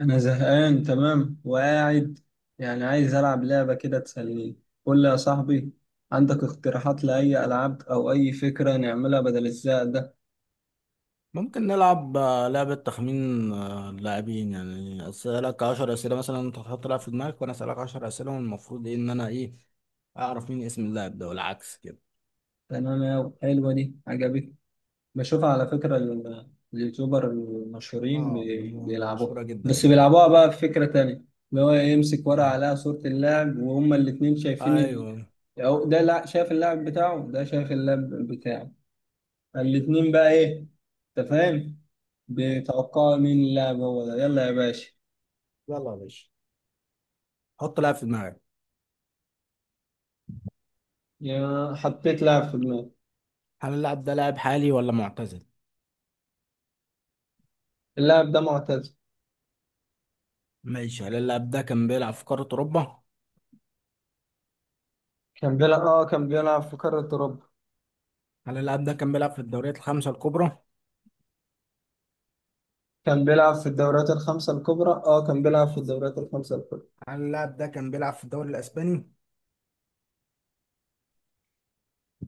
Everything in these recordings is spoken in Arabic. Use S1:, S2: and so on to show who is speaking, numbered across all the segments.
S1: أنا زهقان تمام وقاعد، عايز ألعب لعبة كده تسليني. قول لي يا صاحبي، عندك اقتراحات لأي ألعاب أو أي فكرة نعملها بدل الزهق ده؟
S2: ممكن نلعب لعبة تخمين، اللاعبين. يعني أسألك عشر أسئلة مثلا. أنت تحط لاعب في دماغك وأنا أسألك عشر أسئلة، والمفروض إيه إن أنا إيه أعرف مين اسم اللاعب ده، والعكس كده.
S1: تمام يا حلوة، دي عجبتني. بشوفها على فكرة اليوتيوبر المشهورين
S2: اه، مشهورة
S1: بيلعبوها،
S2: جدا
S1: بس
S2: اللعبة دي.
S1: بيلعبوها بقى بفكرة تانية. اللي هو إيه، يمسك ورقة
S2: إيه.
S1: عليها صورة اللاعب وهما الاتنين شايفين ال...
S2: أيوه.
S1: أو ده لا شايف اللاعب بتاعه ده شايف اللاعب بتاعه. الاتنين بقى ايه، انت فاهم؟ بتوقع مين اللاعب هو ده. يلا يا باشا.
S2: يلا يا باشا، حط لاعب في دماغك.
S1: يا حطيت لاعب في دماغي.
S2: هل اللاعب ده لاعب حالي ولا معتزل؟
S1: اللاعب ده معتزل.
S2: ماشي. هل اللاعب ده كان بيلعب في قارة أوروبا؟
S1: كان بيلعب، اه كان بيلعب في قارة أوروبا.
S2: هل اللاعب ده كان بيلعب في الدوريات الخمسة الكبرى؟
S1: كان بيلعب في الدوريات الخمسة الكبرى، اه كان بيلعب في الدوريات الخمسة الكبرى.
S2: هل اللاعب ده كان بيلعب في الدوري الأسباني؟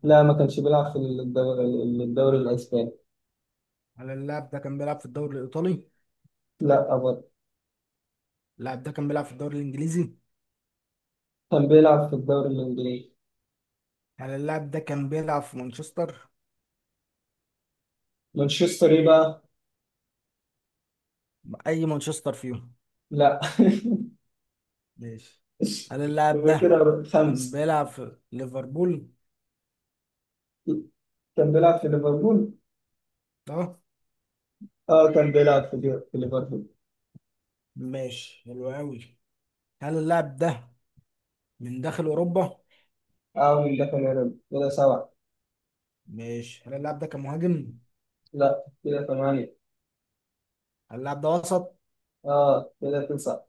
S1: لا، ما كانش بيلعب في الدوري، الدوري الأسباني.
S2: هل اللاعب ده كان بيلعب في الدوري الإيطالي؟
S1: لا أبدا.
S2: اللاعب ده كان بيلعب في الدوري الإنجليزي؟
S1: كان بيلعب في الدوري الإنجليزي.
S2: هل اللاعب ده كان بيلعب في مانشستر؟
S1: مانشستر ايه بقى؟
S2: اي مانشستر فيهم.
S1: لا.
S2: ماشي. هل اللاعب
S1: يبقى
S2: ده
S1: كده
S2: كان
S1: خمسة.
S2: بيلعب في ليفربول؟
S1: كان بيلعب في ليفربول.
S2: اه،
S1: اه كان بيلعب في ليفربول.
S2: ماشي، حلو قوي. هل اللاعب ده من داخل اوروبا؟
S1: أعمل ده كمان، كده سبعة.
S2: ماشي. هل اللاعب ده كان مهاجم؟
S1: لا، كده ثمانية.
S2: هل اللاعب ده وسط؟
S1: آه، كده تسعة.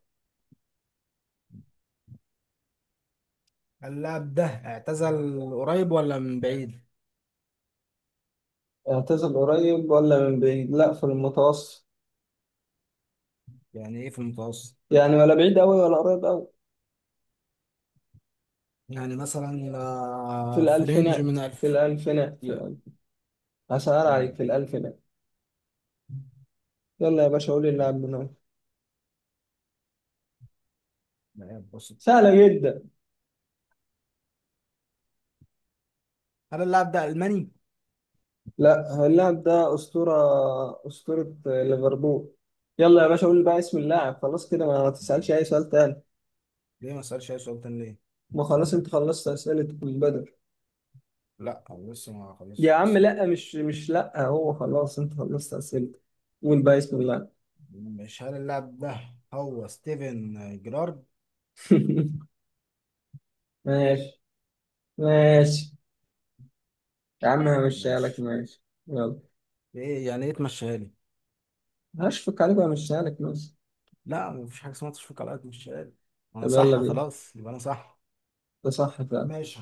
S2: هل اللاعب ده اعتزل قريب ولا من بعيد؟
S1: اعتزل قريب ولا من بعيد؟ لا، في المتوسط.
S2: يعني ايه في المتوسط؟
S1: يعني ولا بعيد أوي ولا قريب أوي.
S2: يعني مثلا
S1: في
S2: في رينج
S1: الألفينات،
S2: من
S1: في
S2: 1000.
S1: الألفينات، في
S2: لا.
S1: الألف. هسهل عليك،
S2: مم.
S1: في الألفينات. يلا يا باشا قولي اللاعب من أول.
S2: لا بص.
S1: سهلة جدا.
S2: هل اللاعب ده الماني؟
S1: لا، اللاعب ده أسطورة، أسطورة ليفربول. يلا يا باشا قول بقى اسم اللاعب، خلاص كده ما تسألش
S2: مم.
S1: أي سؤال تاني.
S2: ليه ما اسالش اي سؤال تاني ليه؟
S1: ما خلاص أنت خلصت أسئلة البدن.
S2: لا، هو لسه ما خلصش
S1: يا عم
S2: الست.
S1: لا، مش مش لا، هو خلاص انت خلصت اسئلتك. قول بقى بسم الله.
S2: مش هل اللاعب ده هو ستيفن جيرارد؟
S1: ماشي، ماشي. يا عم همشيها لك،
S2: ماشي.
S1: ماشي، يلا.
S2: ايه يعني ايه تمشيها لي؟
S1: هشفق عليك وهمشيها لك، ماشي.
S2: لا مفيش حاجه اسمها تشفيق على الأرض، تمشيها لي.
S1: طب
S2: انا
S1: يلا
S2: صح
S1: بينا،
S2: خلاص، يبقى انا صح.
S1: ده صح فعلا.
S2: ماشي.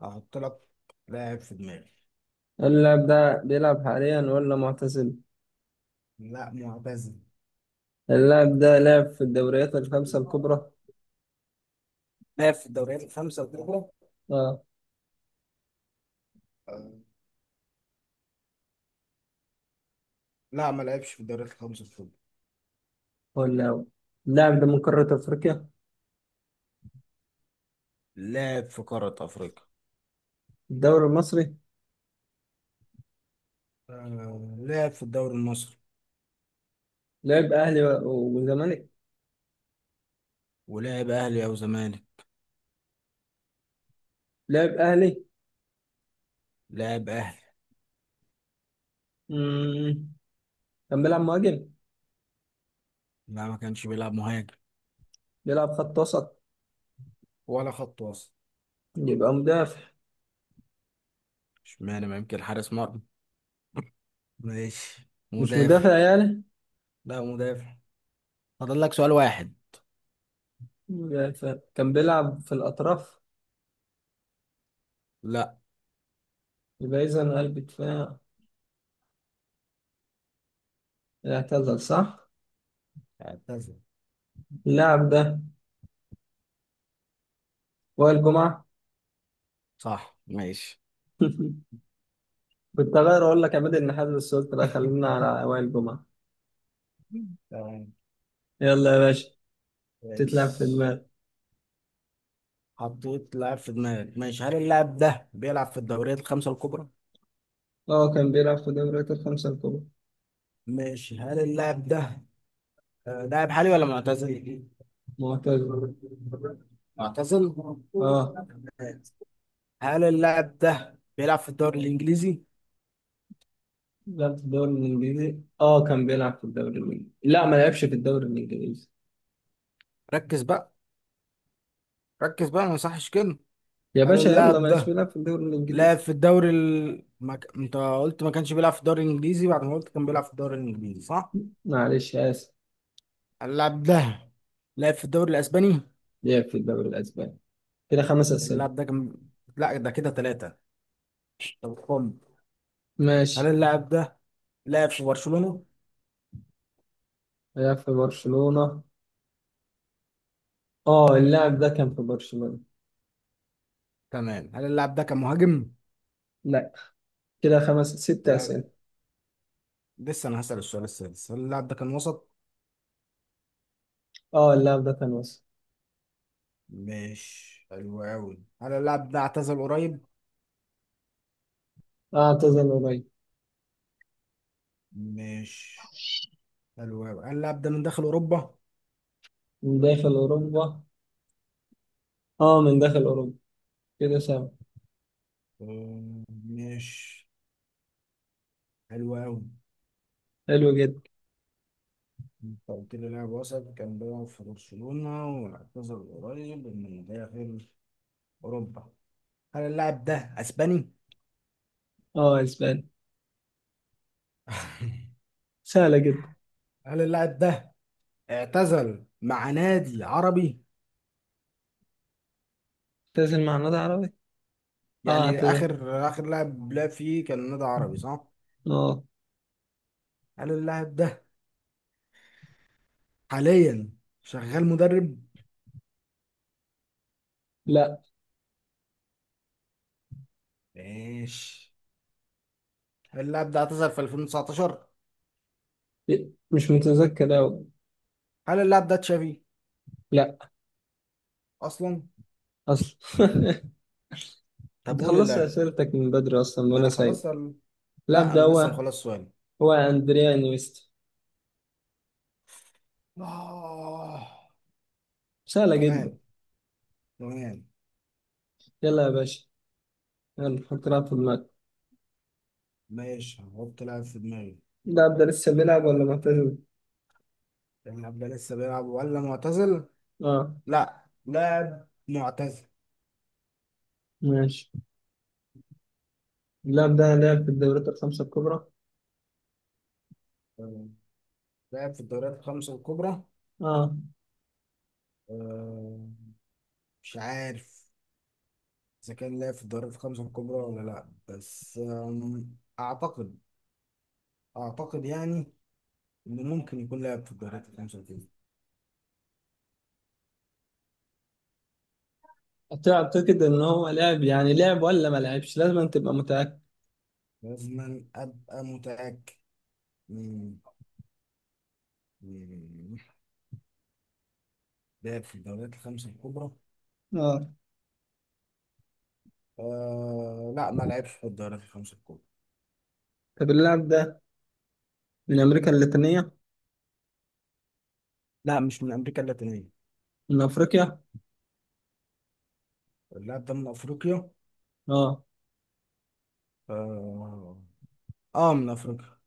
S2: هحط لك لاعب في دماغي.
S1: اللاعب ده بيلعب حاليا ولا معتزل؟
S2: لا، معتزل.
S1: اللاعب ده لعب في الدوريات الخمسة الكبرى؟
S2: لاعب في الدوريات الخمسة الكبرى.
S1: اه.
S2: لا، ما لعبش في الدوريات الخمسة الكبرى.
S1: ولا هو، اللاعب ده من قارة أفريقيا؟
S2: لعب في قارة أفريقيا.
S1: الدوري المصري.
S2: آه، لعب في الدوري المصري.
S1: لعب أهلي والزمالك.
S2: ولعب أهلي أو زمالك.
S1: لعب أهلي.
S2: لعب أهلي.
S1: مم. كان بيلعب مهاجم؟
S2: لا، ما كانش بيلعب مهاجم.
S1: بيلعب خط وسط؟
S2: ولا خط وسط.
S1: يبقى مدافع.
S2: اشمعنى، ما يمكن حارس مرمى. ماشي،
S1: مش
S2: مدافع.
S1: مدافع يعني؟
S2: لا، مدافع. فاضل لك سؤال واحد.
S1: مدافع كان بيلعب في الأطراف؟
S2: لا،
S1: يبقى إذا قلب دفاع. اعتزل صح؟
S2: اعتزل،
S1: اللاعب ده وائل جمعة.
S2: صح. ماشي.
S1: كنت هغير أقول لك عماد النحاس، بس قلت لا خلينا على وائل جمعة.
S2: تمام.
S1: يلا يا باشا. تتلعب في
S2: ماشي.
S1: المال.
S2: حطيت لاعب في دماغك. ماشي. هل اللاعب ده بيلعب في الدوريات الخمسة الكبرى؟
S1: اه كان بيلعب في دوري الخمسة الكبرى.
S2: ماشي. هل اللاعب ده لاعب حالي ولا معتزل؟
S1: معتزل،
S2: معتزل.
S1: اه.
S2: هل اللاعب ده بيلعب في الدوري الإنجليزي؟
S1: لعب في الدوري الإنجليزي، اه كان بيلعب في الدوري الإنجليزي. لا، ما لعبش في الدوري الإنجليزي.
S2: ركز بقى. ركز بقى، ما يصحش كده.
S1: يا
S2: هل
S1: باشا يلا، ما
S2: اللاعب
S1: لعبش
S2: ده
S1: بيلعب في الدوري
S2: لعب
S1: الإنجليزي.
S2: في الدوري ال... ما... ك- انت قلت ما كانش بيلعب في الدوري الانجليزي بعد ما قلت كان بيلعب في الدوري الانجليزي، صح؟
S1: معلش آسف.
S2: اللاعب ده لعب في الدوري الاسباني.
S1: لعب في الدوري الأسباني. كده خمس أسئلة.
S2: اللاعب ده كان. لا، ده كده ثلاثة. طب هل
S1: ماشي.
S2: اللاعب ده لعب في برشلونة؟
S1: لعب في برشلونة، اه اللاعب ده كان في برشلونة.
S2: تمام. هل اللاعب ده كان مهاجم؟
S1: لا، كده خمس ست
S2: لا.
S1: أسئلة.
S2: لسه انا هسأل السؤال السادس. هل اللاعب ده كان وسط؟
S1: اه اللاعب ده كان مصري.
S2: مش حلو قوي. هل اللاعب ده اعتزل قريب؟
S1: اه اعتزل قريب.
S2: مش حلو قوي. هل اللاعب ده من داخل اوروبا؟
S1: من داخل أوروبا، اه من داخل أوروبا. كده سهل.
S2: مش حلو قوي.
S1: حلو جدا.
S2: انت قلت لي لاعب وسط كان بيلعب في برشلونة واعتزل قريب من داخل أوروبا. هل اللاعب ده أسباني؟
S1: اه اسباني، سهلة جدا.
S2: هل اللاعب ده اعتزل مع نادي عربي؟
S1: اعتزل مع نادي عربي. اه
S2: يعني
S1: اعتزل،
S2: آخر آخر لاعب لعب فيه كان نادي عربي، صح؟
S1: اه.
S2: هل اللاعب ده حاليا شغال مدرب؟
S1: لا،
S2: ماشي. هل اللاعب ده اعتزل في 2019؟
S1: مش متذكر أوي.
S2: هل اللاعب ده تشافي
S1: لا،
S2: أصلا؟
S1: أصلا.
S2: طب
S1: انت
S2: قول
S1: خلصت
S2: اللاعب.
S1: أسئلتك من بدري أصلا
S2: ما
S1: وأنا
S2: أنا
S1: سايب.
S2: خلصت
S1: اللاعب
S2: لا،
S1: ده
S2: أنا لسه
S1: هو،
S2: مخلص سؤالي.
S1: هو أندريا نيستا.
S2: آه.
S1: سهلة جدا.
S2: تمام. تمام.
S1: يلا يا باشا، يلا حط لاعب في دماغك.
S2: ماشي. هحط لاعب في دماغي.
S1: اللاعب ده لسه بيلعب ولا معتزل؟
S2: اللاعب ده لسه بيلعب ولا معتزل؟
S1: اه
S2: لا، لاعب معتزل.
S1: ماشي. اللاعب ده لعب في الدوريات الخمسة الكبرى؟
S2: تمام. لاعب في الدوريات الخمسة الكبرى؟
S1: اه.
S2: أه، مش عارف إذا كان لاعب في الدوريات الخمسة الكبرى ولا لا، بس أعتقد، أعتقد يعني إنه ممكن يكون لاعب في الدوريات الخمسة الكبرى.
S1: أعتقد إن هو لعب، لعب ولا ما لعبش لازم أن تبقى متأكد.
S2: لازم أبقى متأكد. مم، مم، لاعب في الدوريات الخمسة الكبرى؟
S1: اه.
S2: أه، لا، ما لعبش في الدوريات الخمسة الكبرى.
S1: طب اللاعب ده من أمريكا اللاتينية؟
S2: لا، مش من امريكا اللاتينيه.
S1: من أفريقيا؟
S2: اللاعب ده من افريقيا.
S1: اه
S2: اه, آه من افريقيا.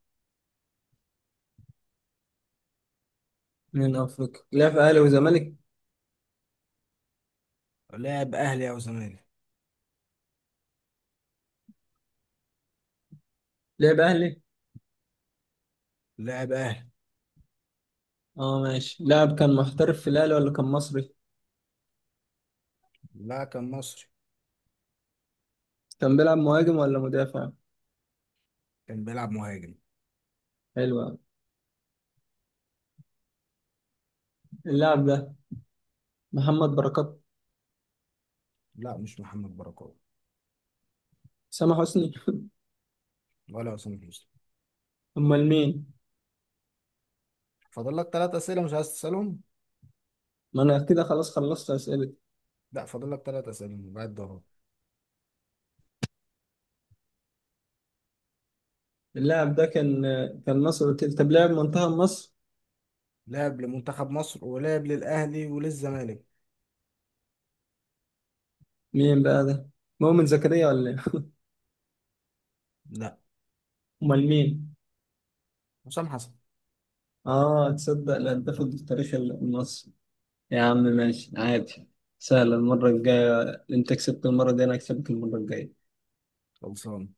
S1: من أفريقيا. لعب في أهلي وزمالك؟
S2: لاعب اهلي او زمالك.
S1: لعب أهلي؟
S2: لاعب اهلي.
S1: اه ماشي، لاعب كان محترف في الأهلي ولا كان مصري؟
S2: لا، كان مصري.
S1: كان بيلعب مهاجم ولا مدافع؟
S2: كان بيلعب مهاجم.
S1: حلو أوي. اللاعب ده محمد بركات؟
S2: لا، مش محمد بركات.
S1: سامح حسني؟
S2: ولا حسام حسني.
S1: أمال مين؟
S2: فاضل لك ثلاث اسئله، مش عايز تسالهم.
S1: ما أنا كده خلاص خلصت أسئلة.
S2: لا، فاضل لك ثلاث اسئله بعد ده.
S1: اللاعب ده كان، كان مصر قلت لي. طب لاعب منتخب مصر.
S2: لاعب لمنتخب مصر ولاعب للاهلي وللزمالك.
S1: مين بقى ده؟ مؤمن زكريا ولا ايه؟
S2: لا،
S1: امال مين؟
S2: حسام حسن.
S1: اه، تصدق الهداف التاريخي المصري. يا عم ماشي عادي. سهل. المرة الجاية، انت كسبت المرة دي انا هكسبك المرة الجاية.
S2: خلصان.